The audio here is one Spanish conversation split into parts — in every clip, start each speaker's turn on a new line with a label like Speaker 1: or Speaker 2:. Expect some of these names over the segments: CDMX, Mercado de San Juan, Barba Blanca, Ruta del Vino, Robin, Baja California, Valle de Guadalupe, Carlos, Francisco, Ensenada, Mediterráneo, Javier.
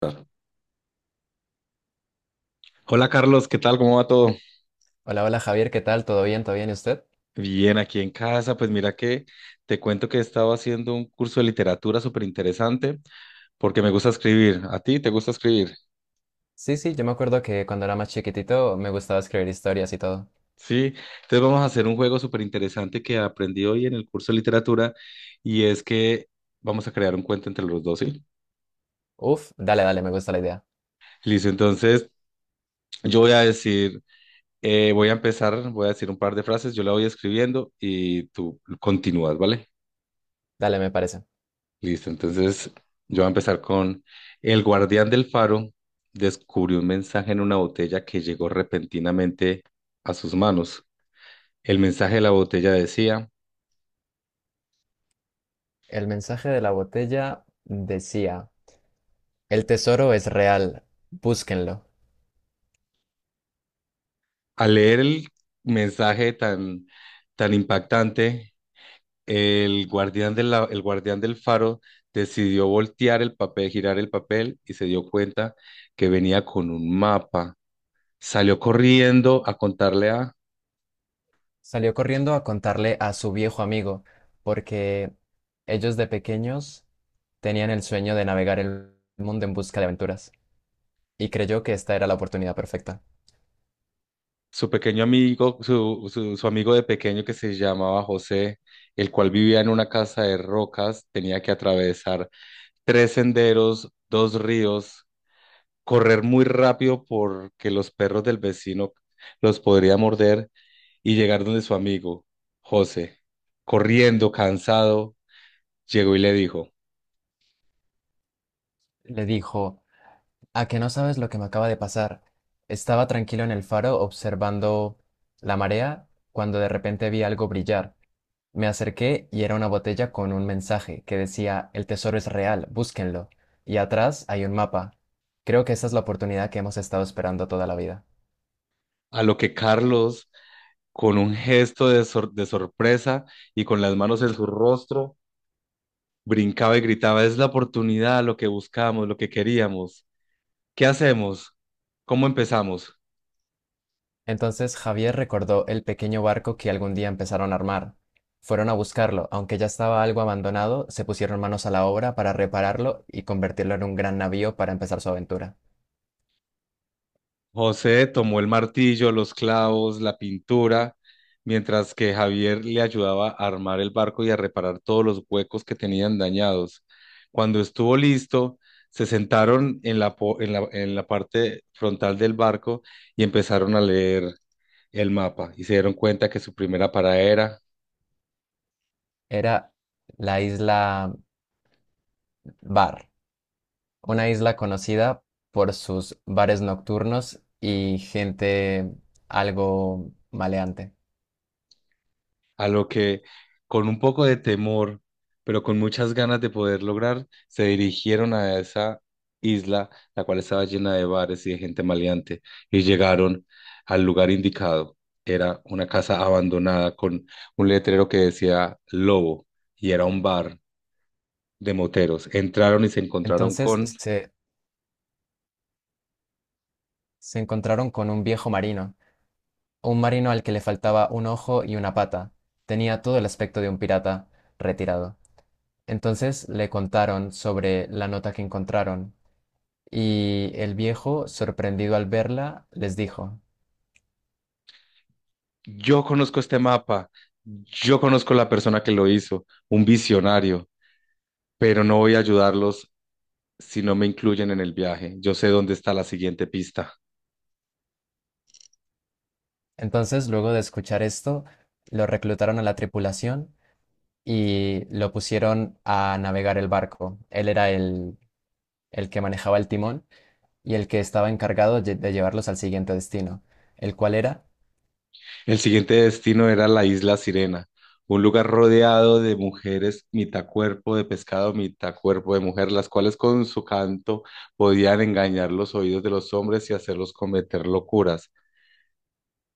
Speaker 1: Claro. Hola Carlos, ¿qué tal? ¿Cómo va todo?
Speaker 2: Hola, hola Javier, ¿qué tal? ¿Todo bien? ¿Todo bien? ¿Y usted?
Speaker 1: Bien, aquí en casa, pues mira que te cuento que he estado haciendo un curso de literatura súper interesante porque me gusta escribir. ¿A ti te gusta escribir?
Speaker 2: Sí, sí, yo me acuerdo que cuando era más chiquitito me gustaba escribir historias y todo.
Speaker 1: Sí, entonces vamos a hacer un juego súper interesante que aprendí hoy en el curso de literatura y es que vamos a crear un cuento entre los dos, ¿sí?
Speaker 2: Uf, dale, dale, me gusta la idea.
Speaker 1: Listo, entonces yo voy a decir, voy a empezar, voy a decir un par de frases, yo la voy escribiendo y tú continúas, ¿vale?
Speaker 2: Dale, me parece.
Speaker 1: Listo, entonces yo voy a empezar con el guardián del faro descubrió un mensaje en una botella que llegó repentinamente a sus manos. El mensaje de la botella decía.
Speaker 2: El mensaje de la botella decía, el tesoro es real, búsquenlo.
Speaker 1: Al leer el mensaje tan, tan impactante, el guardián el guardián del faro decidió voltear el papel, girar el papel y se dio cuenta que venía con un mapa. Salió corriendo a contarle a
Speaker 2: Salió corriendo a contarle a su viejo amigo, porque ellos de pequeños tenían el sueño de navegar el mundo en busca de aventuras. Y creyó que esta era la oportunidad perfecta.
Speaker 1: su pequeño amigo. Su amigo de pequeño, que se llamaba José, el cual vivía en una casa de rocas, tenía que atravesar tres senderos, dos ríos, correr muy rápido porque los perros del vecino los podría morder, y llegar donde su amigo José, corriendo, cansado, llegó y le dijo.
Speaker 2: Le dijo, ¿a que no sabes lo que me acaba de pasar? Estaba tranquilo en el faro observando la marea cuando de repente vi algo brillar. Me acerqué y era una botella con un mensaje que decía, el tesoro es real, búsquenlo. Y atrás hay un mapa. Creo que esa es la oportunidad que hemos estado esperando toda la vida.
Speaker 1: A lo que Carlos, con un gesto de sorpresa y con las manos en su rostro, brincaba y gritaba: ¡es la oportunidad, lo que buscamos, lo que queríamos! ¿Qué hacemos? ¿Cómo empezamos?
Speaker 2: Entonces Javier recordó el pequeño barco que algún día empezaron a armar. Fueron a buscarlo, aunque ya estaba algo abandonado, se pusieron manos a la obra para repararlo y convertirlo en un gran navío para empezar su aventura.
Speaker 1: José tomó el martillo, los clavos, la pintura, mientras que Javier le ayudaba a armar el barco y a reparar todos los huecos que tenían dañados. Cuando estuvo listo, se sentaron en en la parte frontal del barco y empezaron a leer el mapa, y se dieron cuenta que su primera parada era.
Speaker 2: Era la isla Bar. Una isla conocida por sus bares nocturnos y gente algo maleante.
Speaker 1: A lo que, con un poco de temor, pero con muchas ganas de poder lograr, se dirigieron a esa isla, la cual estaba llena de bares y de gente maleante, y llegaron al lugar indicado. Era una casa abandonada con un letrero que decía Lobo, y era un bar de moteros. Entraron y se encontraron
Speaker 2: Entonces
Speaker 1: con:
Speaker 2: se, se encontraron con un viejo marino, un marino al que le faltaba un ojo y una pata. Tenía todo el aspecto de un pirata retirado. Entonces le contaron sobre la nota que encontraron y el viejo, sorprendido al verla, les dijo.
Speaker 1: yo conozco este mapa, yo conozco la persona que lo hizo, un visionario, pero no voy a ayudarlos si no me incluyen en el viaje. Yo sé dónde está la siguiente pista.
Speaker 2: Entonces, luego de escuchar esto, lo reclutaron a la tripulación y lo pusieron a navegar el barco. Él era el que manejaba el timón y el que estaba encargado de llevarlos al siguiente destino, el cual era,
Speaker 1: El siguiente destino era la isla Sirena, un lugar rodeado de mujeres, mitad cuerpo de pescado, mitad cuerpo de mujer, las cuales con su canto podían engañar los oídos de los hombres y hacerlos cometer locuras.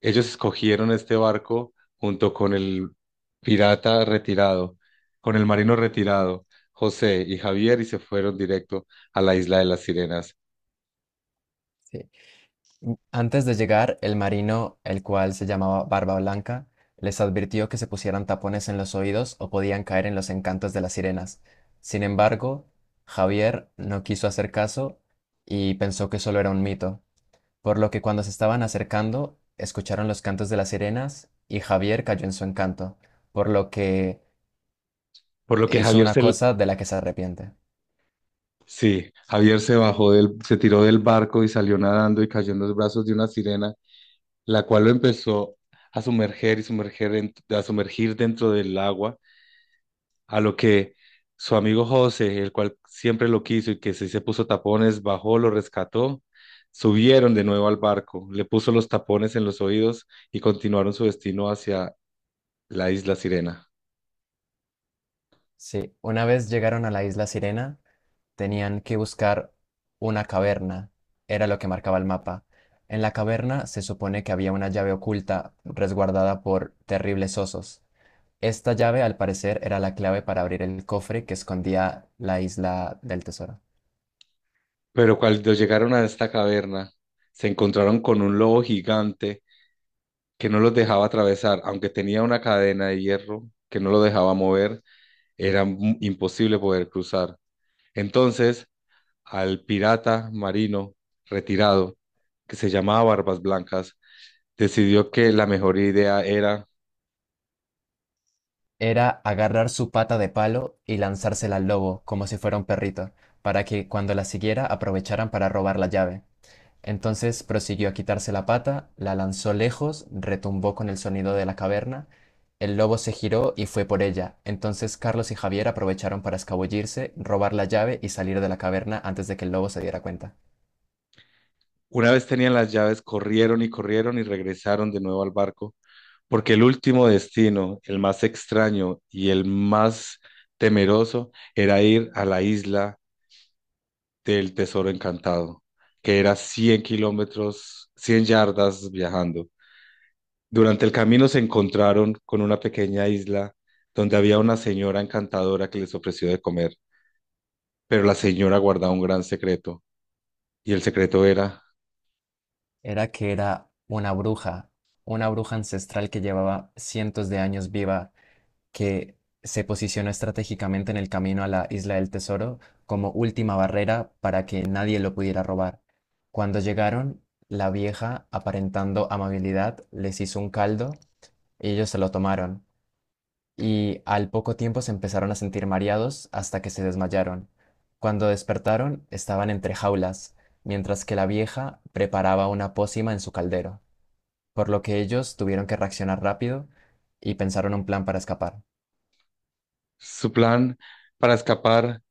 Speaker 1: Ellos escogieron este barco junto con el pirata retirado, con el marino retirado, José y Javier, y se fueron directo a la isla de las Sirenas.
Speaker 2: sí, antes de llegar, el marino, el cual se llamaba Barba Blanca, les advirtió que se pusieran tapones en los oídos o podían caer en los encantos de las sirenas. Sin embargo, Javier no quiso hacer caso y pensó que solo era un mito. Por lo que cuando se estaban acercando, escucharon los cantos de las sirenas y Javier cayó en su encanto, por lo que
Speaker 1: Por lo que
Speaker 2: hizo
Speaker 1: Javier
Speaker 2: una
Speaker 1: se.
Speaker 2: cosa de la que se arrepiente.
Speaker 1: Sí, Javier se bajó del, se tiró del barco y salió nadando y cayó en los brazos de una sirena, la cual lo empezó a sumerger y sumerger a sumergir dentro del agua. A lo que su amigo José, el cual siempre lo quiso y que sí se puso tapones, bajó, lo rescató, subieron de nuevo al barco, le puso los tapones en los oídos y continuaron su destino hacia la isla Sirena.
Speaker 2: Sí, una vez llegaron a la isla Sirena, tenían que buscar una caverna, era lo que marcaba el mapa. En la caverna se supone que había una llave oculta resguardada por terribles osos. Esta llave, al parecer, era la clave para abrir el cofre que escondía la isla del tesoro.
Speaker 1: Pero cuando llegaron a esta caverna, se encontraron con un lobo gigante que no los dejaba atravesar, aunque tenía una cadena de hierro que no lo dejaba mover, era imposible poder cruzar. Entonces, al pirata marino retirado, que se llamaba Barbas Blancas, decidió que la mejor idea era.
Speaker 2: Era agarrar su pata de palo y lanzársela al lobo, como si fuera un perrito, para que cuando la siguiera aprovecharan para robar la llave. Entonces prosiguió a quitarse la pata, la lanzó lejos, retumbó con el sonido de la caverna, el lobo se giró y fue por ella. Entonces Carlos y Javier aprovecharon para escabullirse, robar la llave y salir de la caverna antes de que el lobo se diera cuenta.
Speaker 1: Una vez tenían las llaves, corrieron y corrieron y regresaron de nuevo al barco, porque el último destino, el más extraño y el más temeroso, era ir a la isla del Tesoro Encantado, que era 100 kilómetros, 100 yardas viajando. Durante el camino se encontraron con una pequeña isla donde había una señora encantadora que les ofreció de comer, pero la señora guardaba un gran secreto, y el secreto era.
Speaker 2: Era que era una bruja ancestral que llevaba cientos de años viva, que se posicionó estratégicamente en el camino a la Isla del Tesoro como última barrera para que nadie lo pudiera robar. Cuando llegaron, la vieja, aparentando amabilidad, les hizo un caldo y ellos se lo tomaron. Y al poco tiempo se empezaron a sentir mareados hasta que se desmayaron. Cuando despertaron, estaban entre jaulas, mientras que la vieja preparaba una pócima en su caldero, por lo que ellos tuvieron que reaccionar rápido y pensaron un plan para escapar.
Speaker 1: Su plan para escapar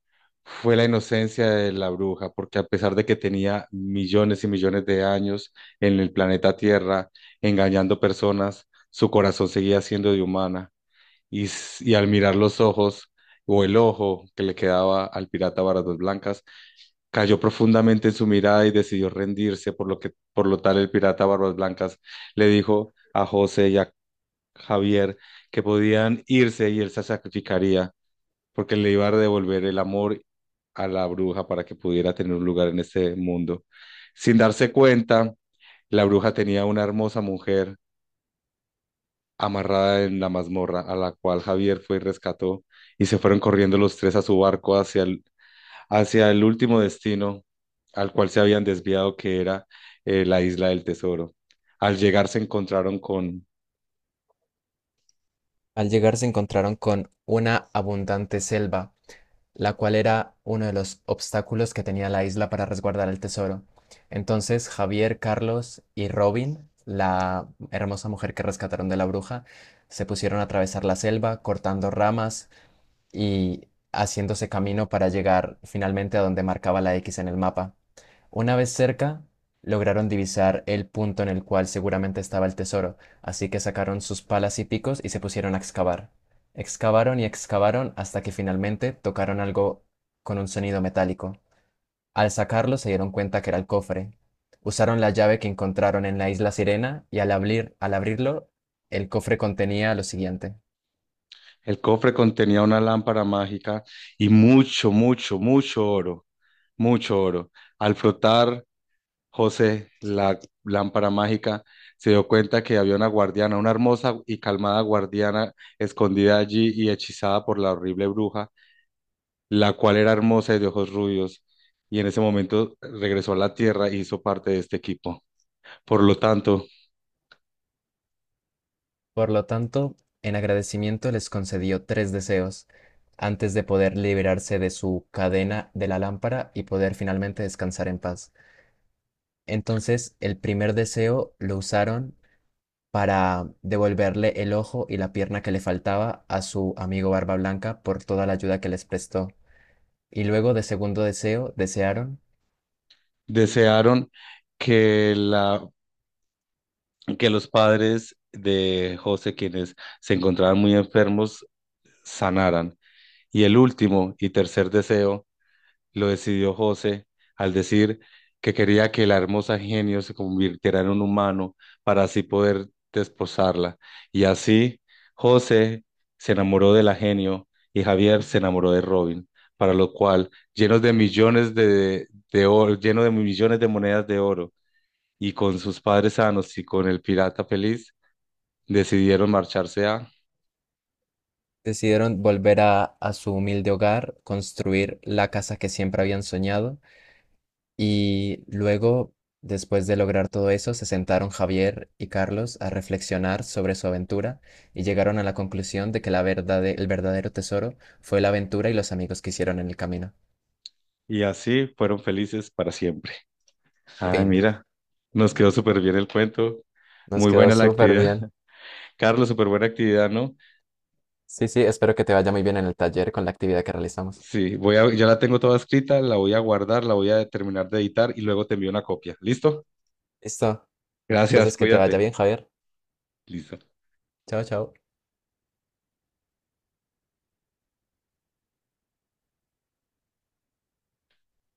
Speaker 1: fue la inocencia de la bruja, porque a pesar de que tenía millones y millones de años en el planeta Tierra engañando personas, su corazón seguía siendo de humana, y y al mirar los ojos o el ojo que le quedaba al pirata Barbas Blancas, cayó profundamente en su mirada y decidió rendirse. Por lo que, por lo tal, el pirata Barbas Blancas le dijo a José y a Javier que podían irse y él se sacrificaría, porque le iba a devolver el amor a la bruja para que pudiera tener un lugar en este mundo. Sin darse cuenta, la bruja tenía una hermosa mujer amarrada en la mazmorra, a la cual Javier fue y rescató, y se fueron corriendo los tres a su barco hacia el último destino al cual se habían desviado, que era la isla del tesoro. Al llegar se encontraron con...
Speaker 2: Al llegar se encontraron con una abundante selva, la cual era uno de los obstáculos que tenía la isla para resguardar el tesoro. Entonces Javier, Carlos y Robin, la hermosa mujer que rescataron de la bruja, se pusieron a atravesar la selva, cortando ramas y haciéndose camino para llegar finalmente a donde marcaba la X en el mapa. Una vez cerca, lograron divisar el punto en el cual seguramente estaba el tesoro, así que sacaron sus palas y picos y se pusieron a excavar. Excavaron y excavaron hasta que finalmente tocaron algo con un sonido metálico. Al sacarlo se dieron cuenta que era el cofre. Usaron la llave que encontraron en la isla Sirena y al abrirlo, el cofre contenía lo siguiente.
Speaker 1: El cofre contenía una lámpara mágica y mucho, mucho, mucho oro, mucho oro. Al frotar José la lámpara mágica, se dio cuenta que había una guardiana, una hermosa y calmada guardiana escondida allí y hechizada por la horrible bruja, la cual era hermosa y de ojos rubios, y en ese momento regresó a la Tierra y hizo parte de este equipo. Por lo tanto,
Speaker 2: Por lo tanto, en agradecimiento les concedió tres deseos antes de poder liberarse de su cadena de la lámpara y poder finalmente descansar en paz. Entonces, el primer deseo lo usaron para devolverle el ojo y la pierna que le faltaba a su amigo Barba Blanca por toda la ayuda que les prestó. Y luego de segundo deseo, desearon,
Speaker 1: desearon que la, que los padres de José, quienes se encontraban muy enfermos, sanaran. Y el último y tercer deseo lo decidió José al decir que quería que la hermosa genio se convirtiera en un humano para así poder desposarla. Y así José se enamoró de la genio y Javier se enamoró de Robin, para lo cual, llenos de millones de oro, lleno de millones de monedas de oro y con sus padres sanos y con el pirata feliz, decidieron marcharse a...
Speaker 2: decidieron volver a su humilde hogar, construir la casa que siempre habían soñado. Y luego, después de lograr todo eso, se sentaron Javier y Carlos a reflexionar sobre su aventura y llegaron a la conclusión de que el verdadero tesoro fue la aventura y los amigos que hicieron en el camino.
Speaker 1: Y así fueron felices para siempre. Ay,
Speaker 2: Fin.
Speaker 1: mira, nos quedó súper bien el cuento.
Speaker 2: Nos
Speaker 1: Muy
Speaker 2: quedó
Speaker 1: buena la
Speaker 2: súper
Speaker 1: actividad.
Speaker 2: bien.
Speaker 1: Carlos, súper buena actividad, ¿no?
Speaker 2: Sí, sí, espero que te vaya muy bien en el taller con la actividad que realizamos.
Speaker 1: Sí, ya la tengo toda escrita, la voy a guardar, la voy a terminar de editar y luego te envío una copia. ¿Listo?
Speaker 2: Listo.
Speaker 1: Gracias,
Speaker 2: Entonces, que te vaya
Speaker 1: cuídate.
Speaker 2: bien, Javier.
Speaker 1: Listo.
Speaker 2: Chao, chao.